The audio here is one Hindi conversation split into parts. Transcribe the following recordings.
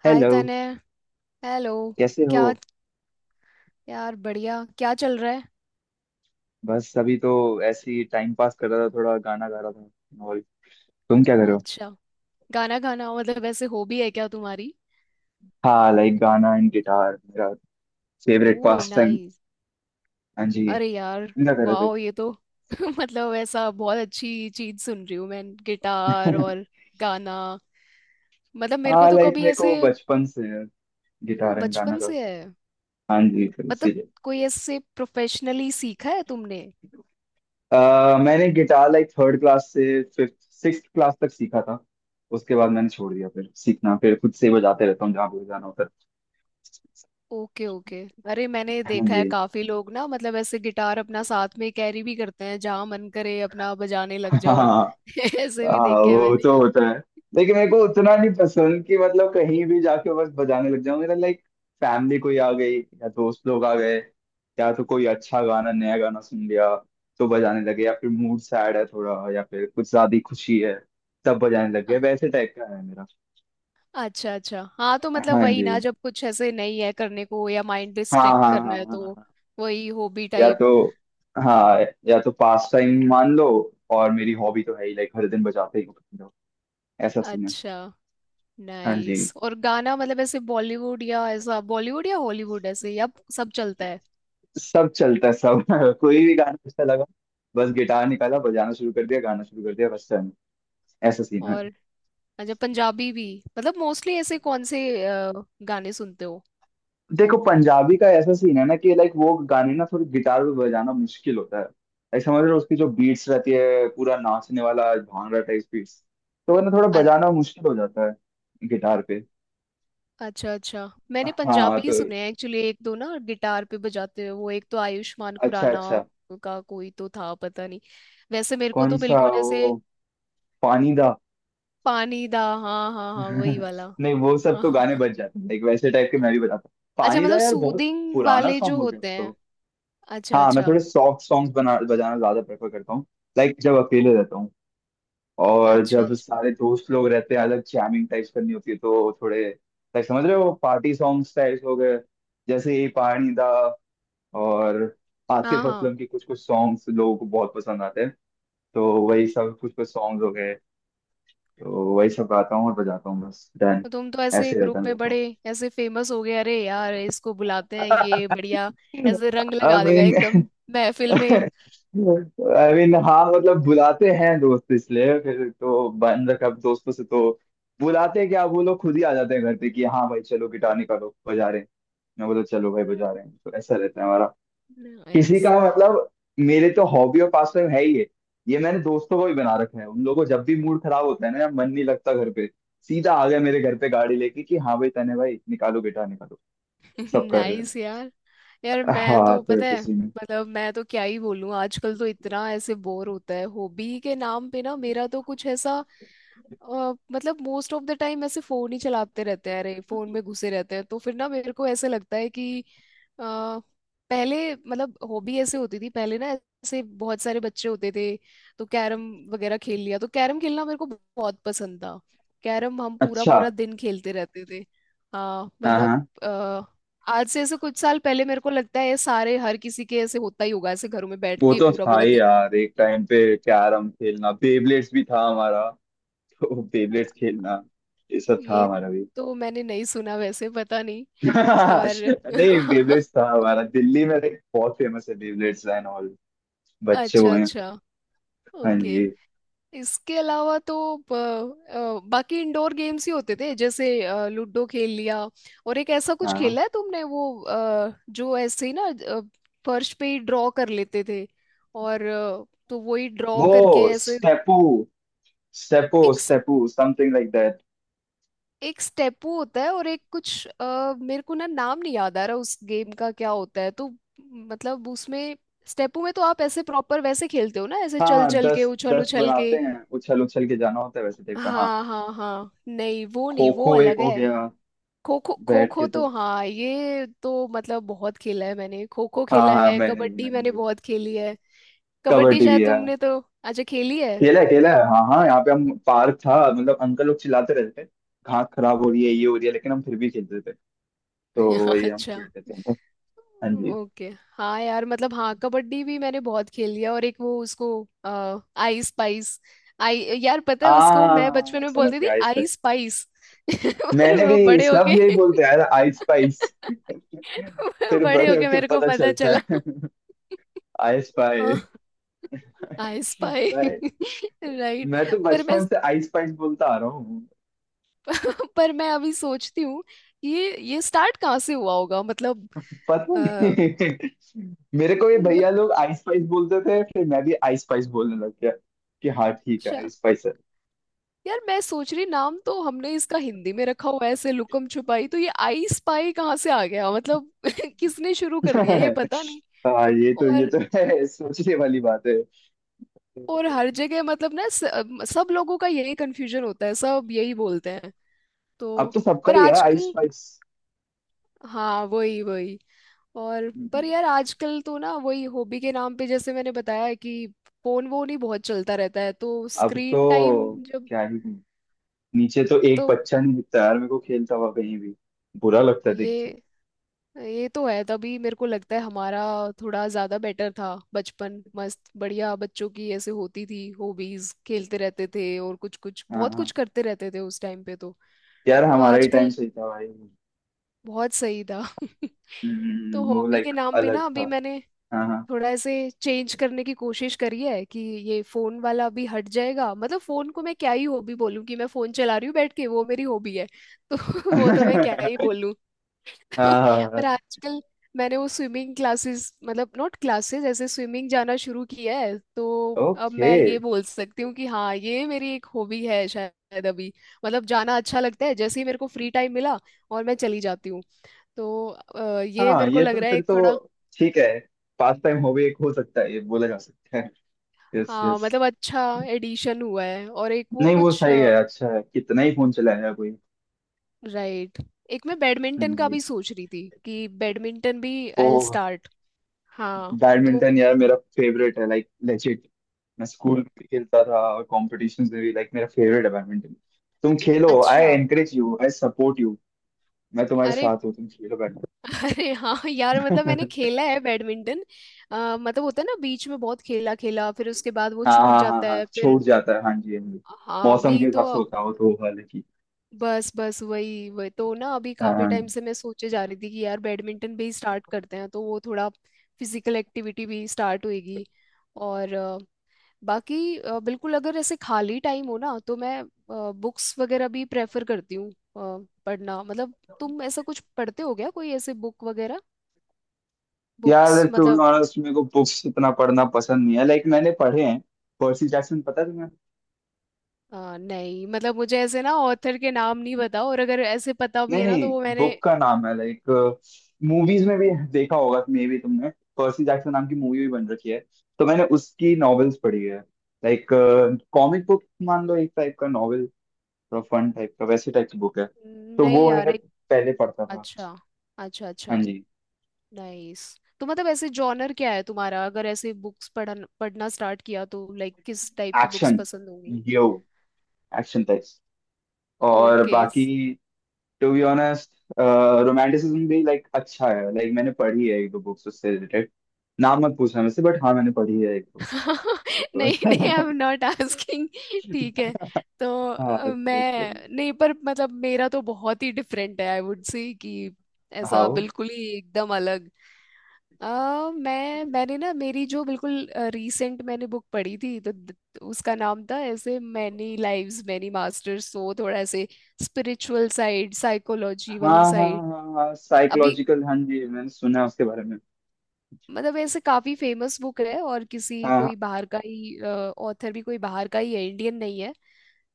हाय हेलो। तने। हेलो। कैसे हो? क्या? यार बढ़िया। क्या चल रहा है? बस अभी तो ऐसे ही टाइम पास कर रहा था, थोड़ा गाना गा रहा था। और तुम क्या कर रहे हो? अच्छा। गाना गाना मतलब ऐसे हॉबी है क्या तुम्हारी? हाँ, लाइक गाना एंड गिटार मेरा favourite oh, pastime. Nice. हाँ जी। अरे यार। तुम क्या कर रहे थे? वाह ये तो मतलब ऐसा बहुत अच्छी चीज सुन रही हूँ मैं। गिटार और गाना। मतलब मेरे को हाँ, तो लाइक कभी मेरे ऐसे। को बचपन से है वो गिटार एंड गाना बचपन का। से है। हाँ जी, तो मतलब इसीलिए। कोई ऐसे प्रोफेशनली सीखा है तुमने? मैंने गिटार लाइक थर्ड क्लास से फिफ्थ सिक्स क्लास तक सीखा था। उसके बाद मैंने छोड़ दिया फिर सीखना, फिर खुद से बजाते रहता हूँ जहाँ भी बजाना होता है। Okay, okay. अरे, मैंने हाँ देखा जी। है काफी लोग ना मतलब ऐसे गिटार अपना साथ में कैरी भी करते हैं, जहां मन करे अपना बजाने लग जाओ। हाँ, ऐसे भी देखे हैं वो मैंने। तो होता है, लेकिन मेरे को उतना नहीं पसंद कि मतलब कहीं भी जाके बस बजाने लग जाऊं। मेरा लाइक फैमिली कोई आ गई या दोस्त लोग आ गए, या तो कोई अच्छा गाना नया गाना सुन लिया तो बजाने लगे, या फिर मूड सैड है थोड़ा, या फिर कुछ ज्यादा ही खुशी है तब बजाने लग गए। अ- वैसे टाइप का है मेरा। अच्छा, अच्छा। हाँ तो मतलब हाँ वही जी। ना, जब कुछ ऐसे नहीं है करने को या माइंड हाँ डिस्ट्रैक्ट हाँ हाँ हाँ करना है हाँ तो। हाँ। वही हॉबी या टाइप। तो हाँ, या तो पास टाइम मान लो। और मेरी हॉबी तो है ही, लाइक हर दिन बजाते ही हूँ। ऐसा सीन है। अच्छा, हाँ जी। नाइस। और गाना मतलब ऐसे बॉलीवुड या ऐसा बॉलीवुड या हॉलीवुड ऐसे या? सब चलता है। सब चलता है सब। कोई भी गाना अच्छा लगा, बस गिटार निकाला, बजाना शुरू कर दिया, गाना शुरू कर दिया, बस चल। ऐसा सीन है। और अच्छा, पंजाबी भी। मतलब मोस्टली ऐसे कौन से अ, गाने सुनते हो? देखो पंजाबी का ऐसा सीन है ना कि लाइक वो गाने ना थोड़ी गिटार पे बजाना मुश्किल होता है। लाइक समझ रहे हो, उसकी जो बीट्स रहती है, पूरा नाचने वाला भांगड़ा टाइप बीट्स, तो वो ना थोड़ा बजाना मुश्किल हो जाता है गिटार पे। अच्छा, अच्छा। मैंने हाँ तो। पंजाबी सुने हैं एक्चुअली, एक दो ना गिटार पे बजाते हुए। वो एक तो आयुष्मान अच्छा खुराना अच्छा। का कोई तो था, पता नहीं। वैसे मेरे को कौन तो सा बिल्कुल ऐसे। वो? पानी दा? पानी दा, हाँ हाँ हाँ, वही वाला। नहीं, वो सब हाँ तो हाँ गाने हाँ। बच जाते हैं लाइक। वैसे टाइप के मैं भी बताता हूँ। अच्छा, पानी दा मतलब यार बहुत सूदिंग पुराना वाले जो सॉन्ग हो गया होते हैं। तो। अच्छा, हाँ, मैं अच्छा। थोड़े सॉफ्ट सॉन्ग्स बना बजाना ज्यादा प्रेफर करता हूँ लाइक, जब ओ, अकेले रहता हूँ। और अच्छा, जब अच्छा। सारे दोस्त लोग रहते हैं अलग, जैमिंग टाइप्स करनी होती है तो थोड़े लाइक समझ रहे हो पार्टी सॉन्ग्स टाइप्स हो गए, जैसे ये पानी दा। और हाँ आतिफ हाँ। असलम के कुछ कुछ सॉन्ग्स लोगों को बहुत पसंद आते हैं, तो वही सब कुछ कुछ सॉन्ग्स हो गए। तो वही सब गाता हूँ और बजाता हूँ, बस डन। तो तुम तो ऐसे ऐसे रहता है ग्रुप मेरा में तो। बड़े ऐसे फेमस हो गए। अरे यार, इसको बुलाते हैं, ये आई बढ़िया। ऐसे रंग लगा देगा मीन एकदम महफिल में। आई मीन हाँ मतलब बुलाते हैं दोस्त इसलिए, फिर तो बंद कब, दोस्तों से तो बुलाते हैं, क्या, वो लोग खुद ही आ जाते हैं घर पे कि हाँ भाई चलो गिटार निकालो बजा रहे हैं। मैं बोला चलो भाई बजा रहे हैं। तो ऐसा रहता है हमारा। किसी नाइस। का मतलब, मेरे तो हॉबी और पास टाइम है ही है। ये मैंने दोस्तों को भी बना रखा है, उन लोगों को जब भी मूड खराब होता है ना या मन नहीं लगता घर पे, सीधा आ गया मेरे घर पे गाड़ी लेके कि हाँ भाई तने भाई निकालो गिटार निकालो, सब कर रहे हैं। नाइस यार। यार मैं हाँ तो, तो पता ऐसे है सीन है। मतलब मैं तो क्या ही बोलूं। आजकल तो इतना ऐसे बोर होता है, हॉबी के नाम पे ना मेरा तो कुछ ऐसा। मतलब मोस्ट ऑफ द टाइम ऐसे फोन ही चलाते रहते हैं। अरे, फोन में घुसे रहते हैं, तो फिर ना मेरे को ऐसे लगता है कि अ, पहले मतलब हॉबी ऐसे होती थी। पहले ना ऐसे बहुत सारे बच्चे होते थे। तो कैरम वगैरह खेल लिया। तो कैरम खेलना मेरे को बहुत पसंद था। कैरम हम पूरा अच्छा। पूरा दिन खेलते रहते थे। हाँ हाँ मतलब। हाँ, आज से ऐसे कुछ साल पहले मेरे को लगता है ये सारे हर किसी के ऐसे होता ही होगा, ऐसे घरों में बैठ वो के तो पूरा था पूरा ही दिन। यार, एक टाइम पे कैरम खेलना, बेबलेट्स भी था हमारा तो। बेबलेट्स खेलना, ये सब था ये हमारा भी। तो मैंने नहीं सुना, वैसे पता नहीं। और नहीं, बेबलेट्स था हमारा, दिल्ली में लाइक बहुत फेमस है बेबलेट्स एंड ऑल। बच्चे अच्छा, हुए हैं। अच्छा। हाँ ओके। जी। इसके अलावा तो बाकी इंडोर गेम्स ही होते थे, जैसे लूडो खेल लिया। और एक ऐसा कुछ हाँ, खेला है तुमने? वो जो ऐसे ही ना फर्श पे ही ड्रॉ कर लेते थे, और तो वही ड्रॉ करके वो ऐसे। स्टेपू, स्टेपो, एक स्टेपू समथिंग लाइक दैट। एक स्टेपू होता है, और एक कुछ मेरे को ना नाम नहीं याद आ रहा उस गेम का, क्या होता है तो। मतलब उसमें, स्टेपू में तो आप ऐसे प्रॉपर वैसे खेलते हो ना, ऐसे चल हाँ, चल के दस उछल दस उछल के। बनाते हैं, उछल उछल के जाना होता है वैसे टाइप का। हाँ, हाँ हाँ हाँ, नहीं वो खो नहीं, वो खो एक अलग हो है। गया, खो खो, खो बैठ खो के तो। तो हाँ ये तो मतलब बहुत खेला है मैंने। खो खो हाँ खेला हाँ, है, मैंने भी, कबड्डी मैंने मैंने भी। बहुत खेली है। कबड्डी कबड्डी भी शायद है। तुमने तो? अच्छा खेली है। अकेला अकेला है। हाँ हाँ, यहाँ पे हम पार्क था, मतलब अंकल लोग चिल्लाते रहते थे घास खराब हो रही है, ये हो रही है, लेकिन हम फिर भी खेलते थे। तो वही हम अच्छा, खेलते थे। हाँ जी। ओके। हाँ यार मतलब, हाँ कबड्डी भी मैंने बहुत खेली है, और एक वो उसको आ, आई स्पाइस। आई यार पता है उसको आ, मैं बचपन में समझ बोलती गया, थी आइस आई पाइस। स्पाइस। पर मैंने वो भी, बड़े सब होके। यही बोलते हैं यार, आइस पाइस। फिर बड़े बड़े होके होके मेरे को पता पता चलता चला है आइस पाइस। I spy. अरे, राइट। मैं तो पर मैं। बचपन से आइस पाइस बोलता आ रहा हूँ। पर मैं अभी सोचती हूँ, ये स्टार्ट कहाँ से हुआ होगा, मतलब। पता अ, नहीं, मेरे को ये भैया लोग आइस पाइस बोलते थे, फिर मैं भी आइस पाइस बोलने लग गया कि हाँ ठीक है अच्छा। आइस पाइस यार मैं सोच रही, नाम तो हमने इसका हिंदी में रखा हुआ है ऐसे लुकम छुपाई, तो ये आई स्पाई कहाँ से आ गया मतलब? किसने शुरू कर दिया, ये है। पता नहीं। हाँ, ये तो, ये और तो है सोचने वाली बात है। हर जगह मतलब ना सब लोगों का यही कंफ्यूजन होता है, सब यही बोलते हैं तो। अब तो सबका पर ही है आइस आजकल। पाइस। हाँ, वही वही। और पर यार आजकल तो ना वही हॉबी के नाम पे, जैसे मैंने बताया है कि फोन वोन ही बहुत चलता रहता है, तो अब स्क्रीन टाइम तो जब। क्या ही, नीचे तो एक तो बच्चा नहीं दिखता यार मेरे को खेलता हुआ कहीं भी। बुरा लगता है देख के। ये ये तो है। तभी मेरे को लगता है हमारा थोड़ा ज्यादा बेटर था। बचपन मस्त बढ़िया। बच्चों की ऐसे होती थी हॉबीज, खेलते रहते थे और कुछ कुछ हाँ बहुत हाँ। कुछ करते रहते थे उस टाइम पे तो। यार तो हमारा ही टाइम आजकल। सही था भाई। बहुत सही था। तो वो हॉबी के लाइक नाम पे अलग ना अभी था। मैंने हाँ हाँ। थोड़ा ऐसे चेंज करने की कोशिश करी है, कि ये फोन वाला अभी हट जाएगा। मतलब फोन को मैं क्या ही हॉबी बोलूँ, कि मैं फोन चला रही हूँ बैठ के, वो मेरी हॉबी है। तो वो तो मैं क्या ही बोलूँ। पर हाँ। आजकल। मैंने वो स्विमिंग क्लासेस, मतलब नॉट क्लासेस, ऐसे स्विमिंग जाना शुरू किया है तो। अब ओके। मैं ये बोल सकती हूँ कि हाँ ये मेरी एक हॉबी है शायद अभी। मतलब जाना अच्छा लगता है, जैसे ही मेरे को फ्री टाइम मिला और मैं चली जाती हूँ। तो ये हाँ, मेरे को ये लग तो रहा है फिर एक तो थोड़ा। ठीक है, पास टाइम हॉबी एक हो सकता है, ये बोला जा सकता है। यस हाँ यस। मतलब, अच्छा एडिशन हुआ है, और एक वो नहीं, वो कुछ। सही है, अच्छा है, कितना ही फोन चलाया है कोई। राइट। एक मैं हाँ बैडमिंटन का जी। भी सोच रही थी, कि बैडमिंटन भी आई विल ओह, स्टार्ट। हाँ तो। बैडमिंटन यार मेरा फेवरेट है लाइक लेजिट। मैं स्कूल में भी खेलता था और कॉम्पिटिशन में भी। लाइक मेरा फेवरेट है बैडमिंटन। तुम खेलो, आई अच्छा। Encourage you, I support you. मैं तुम्हारे अरे, साथ हूँ, तुम खेलो। अरे, हाँ यार मतलब मैंने बैडमिंटन। खेला है बैडमिंटन। मतलब होता है ना बीच में बहुत खेला खेला, फिर उसके बाद वो हाँ छूट हाँ हाँ जाता हाँ, है फिर। छूट जाता है, हाँ जी हाँ जी। हाँ मौसम के अभी तो। हिसाब से होता हो तो, हालांकि। बस, बस, वही वही तो ना अभी हाँ हाँ, काफी टाइम हाँ। से मैं सोचे जा रही थी कि यार बैडमिंटन भी स्टार्ट करते हैं, तो वो थोड़ा फिजिकल एक्टिविटी भी स्टार्ट होएगी। और बाकी बिल्कुल, अगर ऐसे खाली टाइम हो ना तो मैं बुक्स वगैरह भी प्रेफर करती हूँ। पढ़ना मतलब तुम ऐसा कुछ पढ़ते हो क्या, कोई ऐसे बुक वगैरह? यार बुक्स टू बी मतलब। ऑनेस्ट मेरे को बुक्स इतना पढ़ना पसंद नहीं है, लाइक मैंने पढ़े हैं पर्सी जैक्सन, पता है तुम्हें? नहीं मतलब मुझे ऐसे ना ऑथर के नाम नहीं पता, और अगर ऐसे पता भी नहीं है ना तो नहीं, वो मैंने। बुक का नाम है लाइक, मूवीज में भी देखा होगा मे भी तुमने, पर्सी जैक्सन नाम की मूवी भी बन रखी है। तो मैंने उसकी नॉवेल्स पढ़ी है लाइक, कॉमिक बुक मान लो एक टाइप का नॉवेल, थोड़ा फन टाइप का वैसे टाइप की बुक है। तो नहीं वो यार मैंने एक। पहले पढ़ता था। अच्छा, अच्छा, अच्छा, हाँ जी। नाइस। तो मतलब ऐसे जॉनर क्या है तुम्हारा, अगर ऐसे बुक्स पढ़ना स्टार्ट किया, तो लाइक किस टाइप की बुक्स एक्शन, पसंद होंगी? Yo action types. और ओके। बाकी, टू बी ऑनेस्ट, रोमांटिसिज्म भी लाइक अच्छा है, लाइक मैंने पढ़ी है एक दो बुक्स उससे रिलेटेड। नाम मत पूछना मुझसे, बट हाँ मैंने पढ़ी है एक नहीं, नहीं, आई दो। Am not asking. ठीक है तो। हाँ, बड़ी। मैं नहीं, पर मतलब मेरा तो बहुत ही डिफरेंट है, आई वुड से कि ऐसा हाउ? बिल्कुल ही एकदम अलग। अ मैंने ना मेरी जो बिल्कुल रीसेंट मैंने बुक पढ़ी थी तो उसका नाम था ऐसे मैनी लाइव्स मैनी मास्टर्स, तो वो थोड़ा ऐसे स्पिरिचुअल साइड, साइकोलॉजी हाँ वाली हाँ साइड। हाँ हाँ, अभी साइकोलॉजिकल, हाँ जी, मैंने सुना है उसके बारे में। मतलब ऐसे काफी फेमस बुक है, और किसी हाँ हाँ। कोई बाहर का ही ऑथर भी, कोई बाहर का ही है, इंडियन नहीं है।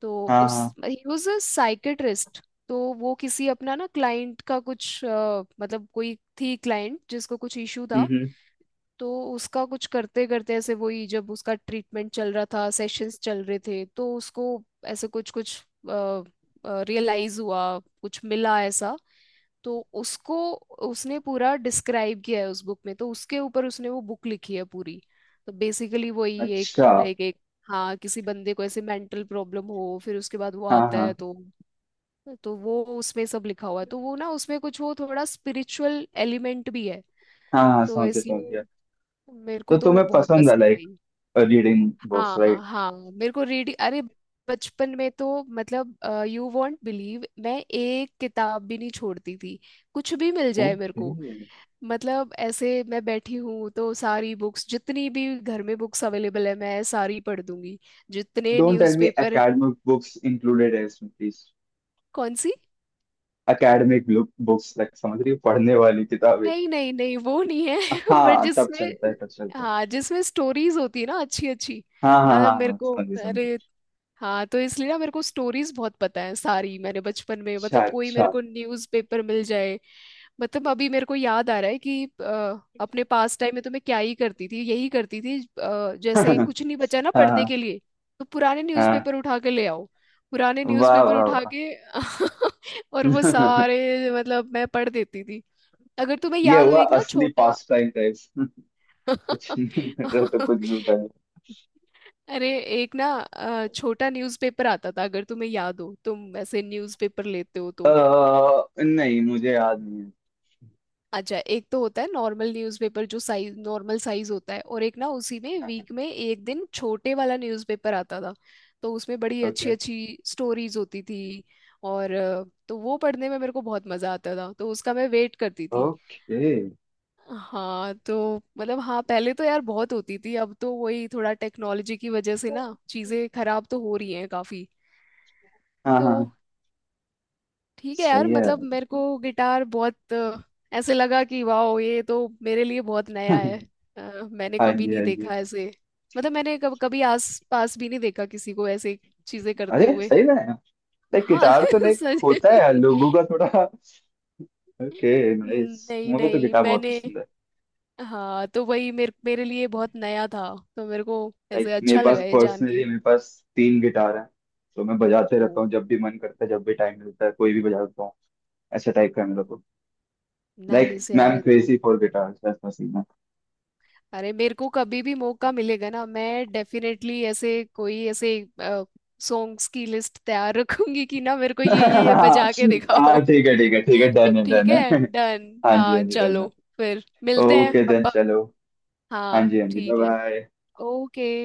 तो हाँ उस, हाँ। He was a psychiatrist. तो वो किसी अपना ना क्लाइंट का कुछ मतलब कोई थी क्लाइंट जिसको कुछ इशू था। हम्म। तो उसका कुछ करते करते ऐसे वही, जब उसका ट्रीटमेंट चल रहा था, सेशंस चल रहे थे, तो उसको ऐसे कुछ कुछ रियलाइज हुआ, कुछ मिला ऐसा। तो उसको, उसने पूरा डिस्क्राइब किया है उस बुक में, तो उसके ऊपर उसने वो बुक लिखी है पूरी। तो बेसिकली वही एक, अच्छा। लाइक एक। हाँ, किसी बंदे को ऐसे मेंटल प्रॉब्लम हो, फिर उसके बाद वो हाँ आता है हाँ तो। तो वो उसमें सब लिखा हुआ है, तो वो ना उसमें कुछ वो थोड़ा स्पिरिचुअल एलिमेंट भी है। हाँ हाँ, तो समझ गया समझ इसलिए गया। मेरे को तो तो वो तुम्हें बहुत पसंद है पसंद लाइक आई। रीडिंग बुक्स हाँ राइट? हाँ मेरे को रीड, अरे बचपन में तो मतलब यू वॉन्ट बिलीव, मैं एक किताब भी नहीं छोड़ती थी। कुछ भी मिल जाए मेरे ओके। को, मतलब ऐसे मैं बैठी हूँ तो सारी बुक्स, जितनी भी घर में बुक्स अवेलेबल है, मैं सारी पढ़ दूंगी। जितने don't tell me newspaper. Academic books included है इसमें प्लीज। कौन सी? एकेडमिक बुक्स, लाइक समझ रही हो, पढ़ने वाली किताबें। नहीं, नहीं, नहीं, वो नहीं है। बट हाँ तब जिसमें, चलता है, तब चलता है। हाँ, जिसमें स्टोरीज होती है ना अच्छी अच्छी। हाँ हाँ मतलब हाँ मेरे हाँ, को, समझिए अरे! समझिए। हाँ तो इसलिए ना मेरे को स्टोरीज बहुत पता है सारी, मैंने बचपन में अच्छा मतलब कोई मेरे अच्छा। को न्यूज़पेपर मिल जाए। मतलब अभी मेरे को याद आ रहा है कि अपने पास टाइम में तो मैं क्या ही करती थी, यही करती थी, जैसे कुछ नहीं बचा ना हाँ पढ़ने हाँ के लिए, तो पुराने हाँ। न्यूज़पेपर उठा के ले आओ। पुराने वाह न्यूज़पेपर वाह उठा वाह। के और वो सारे मतलब मैं पढ़ देती थी। अगर तुम्हें ये याद हो हुआ एक ना असली छोटा। पास टाइम गाइस। कुछ नहीं कर रहा तो कुछ भी उठा लो। अरे, एक ना छोटा न्यूज़पेपर आता था, अगर तुम्हें याद हो, तुम वैसे न्यूज़पेपर लेते हो तो। नहीं मुझे याद नहीं है। अच्छा, एक तो होता है नॉर्मल न्यूज़पेपर, जो साइज, नॉर्मल साइज होता है, और एक ना उसी में वीक में एक दिन छोटे वाला न्यूज़पेपर आता था। तो उसमें बड़ी अच्छी ओके। अच्छी स्टोरीज होती थी, और तो वो पढ़ने में मेरे को बहुत मजा आता था, तो उसका मैं वेट करती थी। ओके। हाँ तो मतलब, हाँ पहले तो यार बहुत होती थी, अब तो वही थोड़ा टेक्नोलॉजी की वजह से ना चीजें खराब तो हो रही हैं काफी। हाँ तो हाँ, ठीक है यार, सही है। मतलब मेरे को गिटार बहुत ऐसे लगा कि वाह ये तो मेरे लिए बहुत नया हाँ है। मैंने कभी जी नहीं हाँ जी। देखा ऐसे, मतलब मैंने कभी आस पास भी नहीं देखा किसी को ऐसे चीजें करते अरे हुए। सही में, लाइक हाँ। गिटार तो लाइक सच। होता है लोगों का थोड़ा। ओके, नाइस, नहीं मुझे तो नहीं गिटार बहुत मैंने, पसंद है। हाँ तो वही मेरे मेरे लिए बहुत नया था। तो मेरे को लाइक ऐसे मेरे अच्छा पास, लगा ये जान पर्सनली के। मेरे पास तीन गिटार हैं। तो मैं बजाते ओ, रहता हूँ, जब भी मन करता है, जब भी टाइम मिलता है कोई भी बजा लेता हूँ। ऐसा टाइप का है मेरा तो। लाइक नाइस यार, मैम ये तो। क्रेजी फॉर गिटार्स बस पसीना। अरे मेरे को कभी भी मौका मिलेगा ना मैं डेफिनेटली ऐसे कोई ऐसे सॉन्ग्स की लिस्ट तैयार रखूंगी कि ना मेरे को ये बजा के दिखाओ। हाँ ठीक है ठीक है ठीक है, डन है ठीक डन है। है। डन, हाँ जी आ हाँ जी, डन है। चलो, फिर मिलते हैं ओके देन, अपन। चलो। हाँ हाँ, जी हाँ जी, बाय ठीक है। बाय। ओके।